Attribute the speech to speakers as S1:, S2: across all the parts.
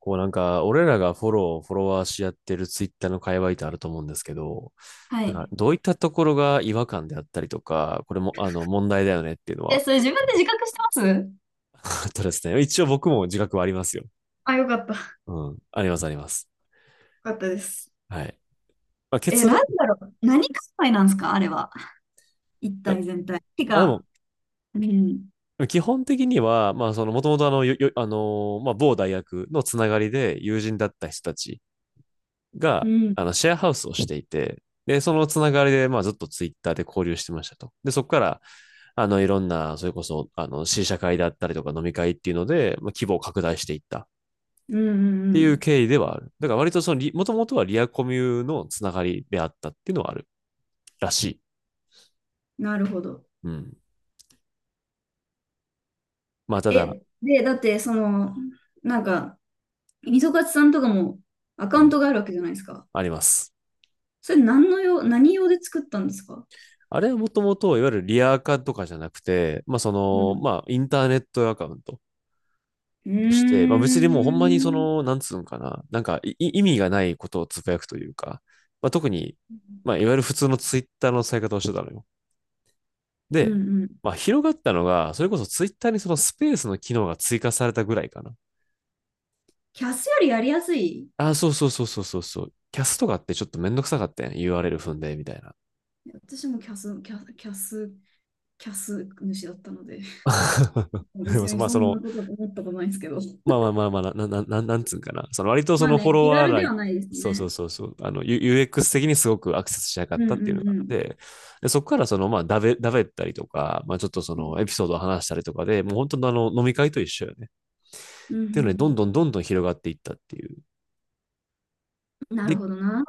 S1: こうなんか、俺らがフォロー、フォロワーし合ってるツイッターの界隈ってあると思うんですけど、
S2: は
S1: なんか
S2: い。
S1: どういったところが違和感であったりとか、これも問題だよねっていうの
S2: え、
S1: は、
S2: それ自分で自覚してます？
S1: あとですね、一応僕も自覚はありますよ。
S2: あ、よかった。よ
S1: うん、ありますあります。
S2: かったです。
S1: はい。まあ、
S2: え、
S1: 結
S2: な
S1: 論、
S2: んだろう。何界隈なんですかあれは。一
S1: な
S2: 体全体。て
S1: まあでも、
S2: か、うん。
S1: 基本的には、まあその、もともとあの、よよあのまあ某大学のつながりで友人だった人たち
S2: う
S1: が、
S2: ん、
S1: シェアハウスをしていて、で、そのつながりで、まあずっとツイッターで交流してましたと。で、そこから、いろんな、それこそ、試写会だったりとか飲み会っていうので、まあ、規模を拡大していったっ
S2: うん、うん、
S1: て
S2: う
S1: いう
S2: ん。
S1: 経緯ではある。だから割とそのもともとはリアコミュのつながりであったっていうのはあるらしい。
S2: なるほど。
S1: うん。まあ、ただ、
S2: え、で、だって、その、なんか、みそかつさんとかもアカ
S1: う
S2: ウン
S1: ん、
S2: トがあるわけじゃないですか。
S1: あります。
S2: それ何の用、何用で作ったんですか？
S1: あれはもともと、いわゆるリアカとかじゃなくて、
S2: うん。
S1: まあインターネットアカウント
S2: うー
S1: として、まあ別にもうほんまにそ
S2: ん。
S1: の、なんか意味がないことをつぶやくというか、まあ特に、まあいわゆる普通のツイッターの使い方をしてたのよ。
S2: う
S1: で、
S2: んうん。
S1: まあ、広がったのが、それこそツイッターにそのスペースの機能が追加されたぐらいかな。
S2: キャスよりやりやすい。
S1: ああ、そうそうそうそうそうそう。キャストがあってちょっとめんどくさかったやん。URL 踏んで、みたいな。
S2: 私もキャス主だったので、
S1: でも
S2: 別に
S1: まあ、
S2: そ
S1: そ
S2: んな
S1: の、
S2: こと思ったことないんですけど。
S1: まあまあまあまあ、な、な、ななんつうんかな。その割とそ
S2: まあ
S1: のフォ
S2: ね、
S1: ロ
S2: 気
S1: ワー
S2: 軽
S1: ラ
S2: で
S1: イン、
S2: はないです
S1: そうそ
S2: ね。
S1: うそうそう、あの、UX 的にすごくアクセスしなか
S2: う
S1: っ
S2: んう
S1: たっていうのがあっ
S2: んうん。
S1: て、で、そこからその、まあ、だべったりとか、まあ、ちょっとそ
S2: う
S1: の、エ
S2: ん
S1: ピソードを話したりとかで、もう本当の飲み会と一緒よね。っ
S2: う
S1: ていうので、どん
S2: ん
S1: どんどんどん広がっていったっていう。
S2: うん、な
S1: で、
S2: る
S1: うんい
S2: ほどな。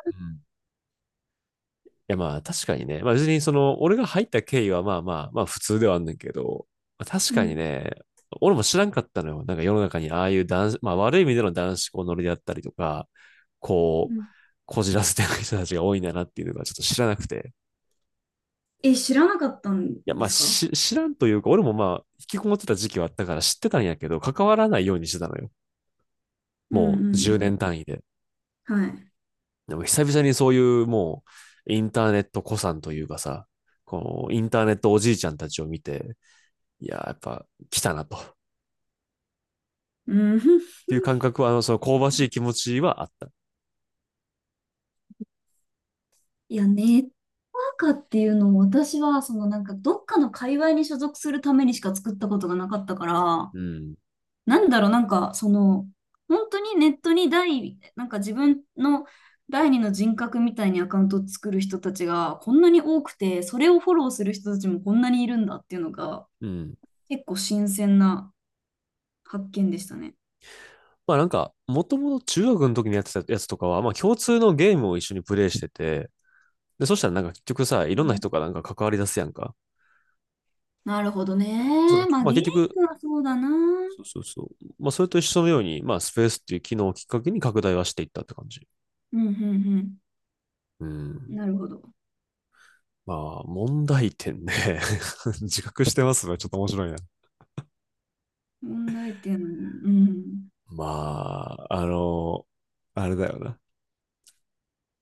S1: やまあ確かにね。まあ別にその、俺が入った経緯はまあまあ、まあ普通ではあんねんけど、まあ確
S2: う
S1: かに
S2: ん
S1: ね、俺も知らんかったのよ。なんか世の中にああいう男子、まあ悪い意味での男子校乗りであったりとか、こ
S2: う
S1: う、
S2: ん、
S1: こじらせてる人たちが多いんだなっていうのがちょっと知らなくて。
S2: え、知らなかったん
S1: いや
S2: で
S1: まあ
S2: すか？
S1: 知らんというか、俺もまあ引きこもってた時期はあったから知ってたんやけど、関わらないようにしてたのよ。
S2: うんう
S1: もう
S2: んう
S1: 10年
S2: ん。
S1: 単位で。
S2: はい。
S1: でも久々にそういううインターネット子さんというかさ、このインターネットおじいちゃんたちを見て、いやー、やっぱ来たなと。っ
S2: うん。
S1: ていう感 覚は、その香ばしい気持ちはあった。
S2: いや、ネットワーカーっていうのを私は、そのなんかどっかの界隈に所属するためにしか作ったことがなかったから、
S1: うん。
S2: なんだろう、なんか、その、本当にネットに第、なんか自分の第二の人格みたいにアカウントを作る人たちがこんなに多くて、それをフォローする人たちもこんなにいるんだっていうのが、
S1: うん。
S2: 結構新鮮な発見でしたね。
S1: まあなんか、もともと中学の時にやってたやつとかは、まあ共通のゲームを一緒にプレイしてて、で、そしたらなんか結局さ、い
S2: う
S1: ろんな
S2: ん、
S1: 人がなんか関わり出すやんか。
S2: なるほど
S1: そうだ。
S2: ね。まあ、
S1: まあ
S2: ゲー
S1: 結局、
S2: ムはそうだな。うん、
S1: そうそうそう。まあそれと一緒のように、まあスペースっていう機能をきっかけに拡大はしていったって感じ。
S2: うん、
S1: う
S2: うん。
S1: ん。
S2: なるほど。
S1: まあ、問題点ね。自覚してますのちょっと面白いな。
S2: 問題点、うん。
S1: まあ、あれだよな。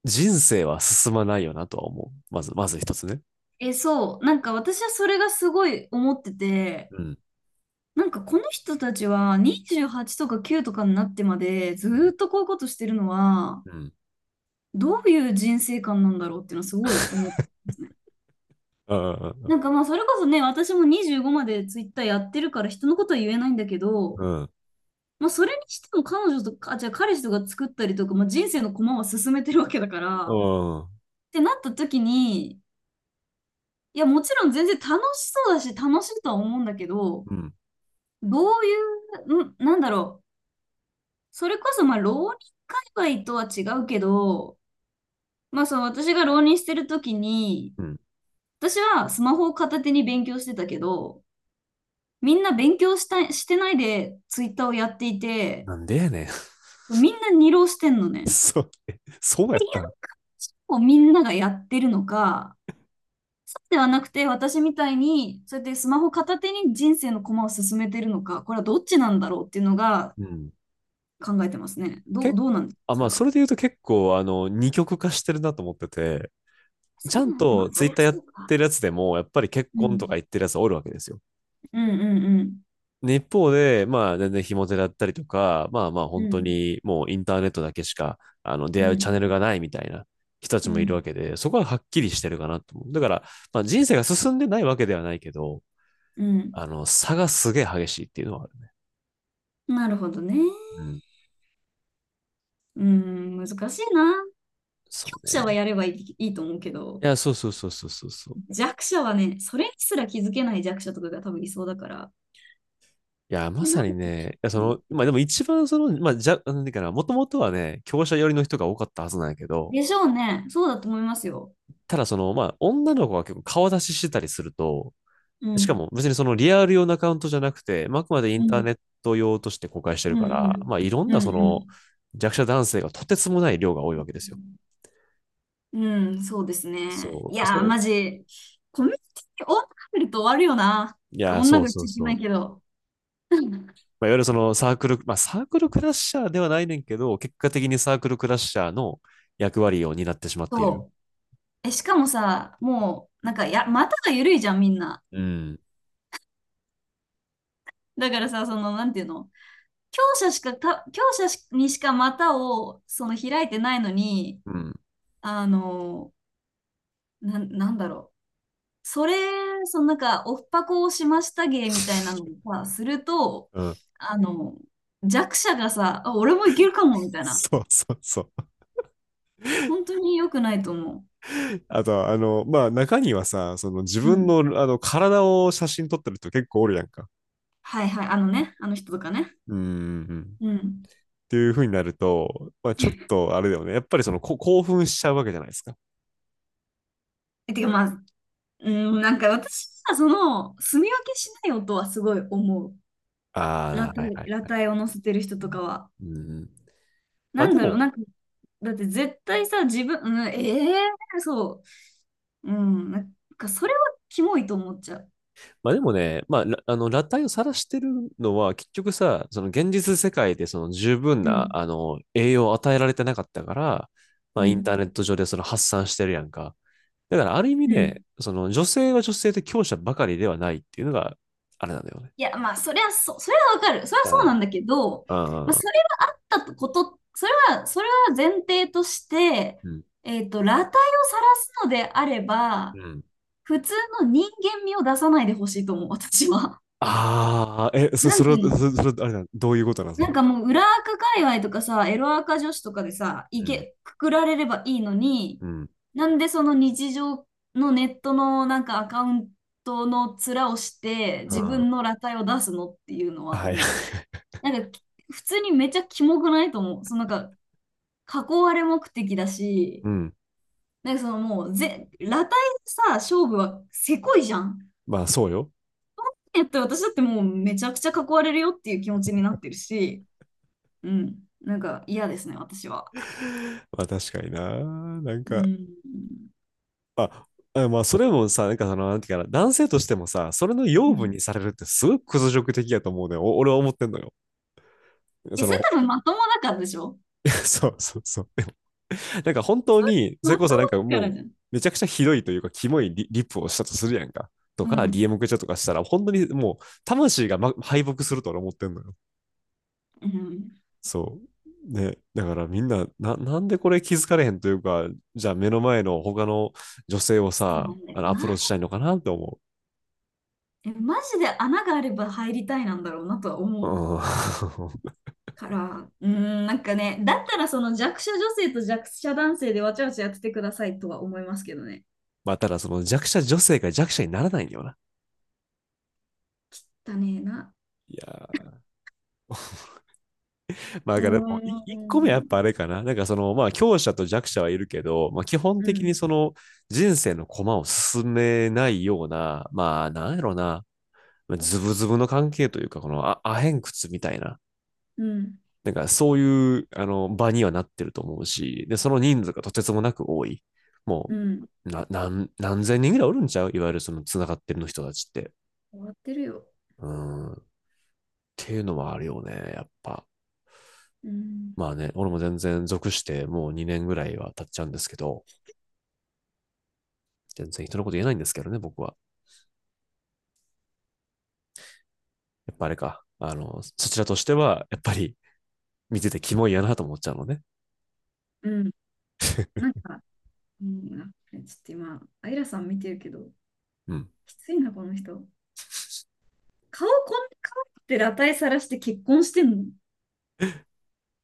S1: 人生は進まないよなとは思う。まず、まず一つね。
S2: え、そう。なんか私はそれがすごい思ってて、
S1: うん。
S2: なんかこの人たちは28とか9とかになってまでず
S1: う
S2: ー
S1: ん。
S2: っとこういうことしてるのは
S1: うん。
S2: どういう人生観なんだろうっていうのはすごい思ってますね。
S1: うん。
S2: なんかまあそれこそね、私も25までツイッターやってるから人のことは言えないんだけど、
S1: うん。う
S2: まあそれにしても彼女とか、あ、じゃあ彼氏とか作ったりとか、まあ、人生の駒は進めてるわけだから、っ
S1: ん。
S2: てなった時に、いやもちろん全然楽しそうだし楽しいとは思うんだけど、
S1: うん。
S2: どういう、ん、なんだろう。それこそ、まあ、浪人界隈とは違うけど、まあ、その私が浪人してる時に、
S1: うん
S2: 私はスマホを片手に勉強してたけど、みんな勉強したしてないでツイッターをやっていて、
S1: なんでやねん。
S2: みんな二浪してんの ね。
S1: そう、そうやったん。
S2: こうみんながやってるのか、ではなくて私みたいに、そうやってスマホ片手に人生の駒を進めてるのか、これはどっちなんだろうっていうのが
S1: うん。
S2: 考えてますね。どう、
S1: 結
S2: どうなんですか、
S1: あ、
S2: そ
S1: まあ、
S2: れ
S1: そ
S2: は。
S1: れで言うと結構、二極化してるなと思ってて、ち
S2: そ
S1: ゃん
S2: うなん、ま
S1: と
S2: あ、そ
S1: ツイ
S2: り
S1: ッ
S2: ゃ
S1: ターや
S2: そ
S1: っ
S2: うか。
S1: てるやつでも、やっぱり結
S2: う
S1: 婚とか
S2: ん。
S1: 言ってるやつおるわけですよ。
S2: うんうん
S1: で一方で、まあ、全然ひも手だったりとか、まあまあ、
S2: うん。
S1: 本
S2: う
S1: 当
S2: ん。
S1: にもうインターネットだけしか、出
S2: う
S1: 会うチャンネ
S2: ん、
S1: ルがないみたいな人たち
S2: う
S1: もいるわ
S2: ん、
S1: けで、そこははっきりしてるかなと思う。だから、まあ、人生が進んでないわけではないけど、
S2: うん。
S1: 差がすげえ激しいっていうのはある。
S2: なるほどね。
S1: うん。
S2: うん、難しいな。
S1: そ
S2: 強
S1: う
S2: 者は
S1: ね。
S2: やればいい、いいと思うけど、
S1: いや、そうそうそうそうそうそう。
S2: 弱者はね、それにすら気づけない弱者とかが多分いそうだから。っ
S1: いや、ま
S2: てな
S1: さに
S2: ると、
S1: ね、いや、
S2: う
S1: そ
S2: ん、
S1: の、まあでも一番その、まあ、じゃ、なんていうかな、もともとはね、強者寄りの人が多かったはずなんやけど、
S2: でしょうね。そうだと思いますよ。
S1: ただその、まあ、女の子が結構顔出ししてたりすると、
S2: う
S1: しか
S2: ん、
S1: も別にそのリアル用のアカウントじゃなくて、まああくまでイン
S2: う
S1: ターネ
S2: ん、
S1: ット用として公開して
S2: う
S1: る
S2: ん、
S1: か
S2: う
S1: ら、ま
S2: ん、
S1: あいろん
S2: う
S1: なそ
S2: ん、う
S1: の
S2: ん。
S1: 弱者男性がとてつもない量が多いわけですよ。
S2: うん、そうですね。い
S1: そう。
S2: やー、マジ、コミュニティに女がいると終わるよな。
S1: いや、
S2: 女
S1: そ
S2: が
S1: う
S2: 言っ
S1: そう
S2: ちゃいけ
S1: そ
S2: ないけ
S1: う。
S2: ど。
S1: まあ、いわゆるそのサークル、まあサークルクラッシャーではないねんけど、結果的にサークルクラッシャーの役割を担ってしまっ ている。
S2: そう。え、しかもさ、もう、なんか、や、股が緩いじゃん、みんな。
S1: うん。
S2: だからさ、その、なんていうの、強者しか、た、強者しにしか股を、その、開いてないのに、
S1: うん。
S2: あの、なん、なんだろう。それ、その、なんか、オフパコをしました芸みたいなの をさ、すると、
S1: うん。
S2: あの、弱者がさ、あ、俺もいけるかも、みたいな。
S1: そうそうそう。
S2: 本当に良くないと思
S1: あと、まあ、中にはさ、その自
S2: う。う
S1: 分
S2: ん。
S1: の、体を写真撮ってる人結構おるやんか。
S2: はいはい。あのね、あの人とかね。
S1: うん。
S2: うん。
S1: っていう風になると、まあ、ちょっとあれだよね。やっぱりこ興奮しちゃうわけじゃないですか。
S2: えてか、まあ、うん、なんか私はその、住み分けしない音はすごい思う。裸
S1: ああ、はい
S2: 体、
S1: はい
S2: 裸
S1: はい。
S2: 体を乗せてる人とかは。
S1: うん。ま
S2: な
S1: あ
S2: ん
S1: で
S2: だろう、
S1: も、
S2: なんか、だって絶対さ、自分、うん、ええそう。うん、なんかそれはキモいと思っちゃう。
S1: まあでもね、まあ、あの、裸体を晒してるのは、結局さ、その現実世界でその十分
S2: う
S1: な、
S2: ん、
S1: 栄養を与えられてなかったから、ま
S2: う
S1: あインター
S2: ん、
S1: ネット上でその発散してるやんか。だからある意味
S2: う
S1: ね、
S2: ん。
S1: その女性は女性で強者ばかりではないっていうのが、あれなんだよね。
S2: いや、まあ、そりゃそう、それはわかる。それは
S1: う
S2: そう
S1: ん。
S2: なんだけど、
S1: う
S2: まあ、そ
S1: ん。
S2: れはあったこと、それは、それは前提として、
S1: うん。
S2: えっと、裸体を晒すのであれ
S1: う
S2: ば、
S1: ん。
S2: 普通の人間味を出さないでほしいと思う、私は。
S1: ああ、
S2: な
S1: そ
S2: ん
S1: れ
S2: て
S1: は、
S2: いうの、
S1: それは、あれだ、どういうことなの、そ
S2: な
S1: れ
S2: ん
S1: は。
S2: かもう、裏垢界隈とかさ、エロ垢女子とかでさ、い
S1: うん。
S2: け、くくられればいいのに、
S1: うん。
S2: なんでその日常のネットのなんかアカウントの面をして、自
S1: あ
S2: 分の裸体を出すのっていうの
S1: あ、
S2: は
S1: はい。
S2: 思う。なんか、普通にめっちゃキモくないと思う。そのなんか、囲われ目的だし、
S1: うん。
S2: なんかそのもうぜ、裸体さ、勝負はせこいじゃん。
S1: まあ、そうよ。
S2: えっと、私だってもうめちゃくちゃ囲われるよっていう気持ちになってるし、うん、なんか嫌ですね、私は。
S1: まあ、確かにな。なん
S2: う
S1: か、
S2: ん。
S1: まあ、まあ、それもさ、なんかその、なんていうかな、男性としてもさ、それの
S2: う
S1: 養分
S2: ん。
S1: にされるってすごく屈辱的やと思うのよ。俺は思ってんのよ。
S2: え、
S1: そ
S2: それ
S1: の、
S2: 多分まともだからでしょ？
S1: そうそうそう。なんか本当
S2: それ
S1: に、それ
S2: ま
S1: こ
S2: と
S1: そ
S2: も
S1: なんか
S2: だか
S1: も
S2: ら
S1: う、
S2: じゃん。
S1: めちゃくちゃひどいというか、キモいリ、リップをしたとするやんか。と
S2: う
S1: か、
S2: ん。
S1: DM くれちゃとかしたら、本当にもう、魂が、ま、敗北すると俺思ってんのよ。
S2: うん。
S1: そう。ね。だからみんな、なんでこれ気づかれへんというか、じゃあ目の前の他の女性を
S2: そう
S1: さ、
S2: なんだ
S1: あ
S2: よ
S1: のアプロー
S2: な。
S1: チしたいのかなって思
S2: え、マジで穴があれば入りたいなんだろうなとは
S1: う。
S2: 思う
S1: うん。
S2: から、うーん、なんかね、だったらその弱者女性と弱者男性でわちゃわちゃやっててくださいとは思いますけどね。
S1: まあ、ただその弱者女性が弱者にならないんだよな。
S2: だねえな。
S1: いやーまあ、だ
S2: うー
S1: からでも、一個目はやっぱ
S2: ん。
S1: あれかな。なんかその、まあ、強者と弱者はいるけど、まあ、基本
S2: う
S1: 的に
S2: ん。
S1: その、人生の駒を進めないような、まあ、なんやろな、まあズブズブの関係というか、のあアヘン窟みたいな、
S2: うん。
S1: なんかそういうあの場にはなってると思うし、で、その人数がとてつもなく多い。も
S2: うん。
S1: う、何千人ぐらいおるんちゃういわゆるその繋がってるの人たちって。
S2: 終わってるよ。
S1: うん。っていうのはあるよね、やっぱ。
S2: うん。
S1: まあね、俺も全然属してもう2年ぐらいは経っちゃうんですけど、全然人のこと言えないんですけどね、僕は。やっぱあれか。あの、そちらとしては、やっぱり見ててキモいやなと思っちゃうのね。
S2: うん。なんか、うん、あこれちょっと今、アイラさん見てるけど、
S1: うん。
S2: きついな、この人。顔こんな可愛くて裸体さらして結婚してんの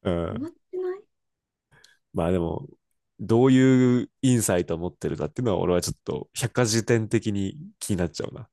S1: う
S2: 終わ
S1: ん、
S2: ってない
S1: まあでも、どういうインサイトを持ってるかっていうのは、俺はちょっと百科事典的に気になっちゃうな。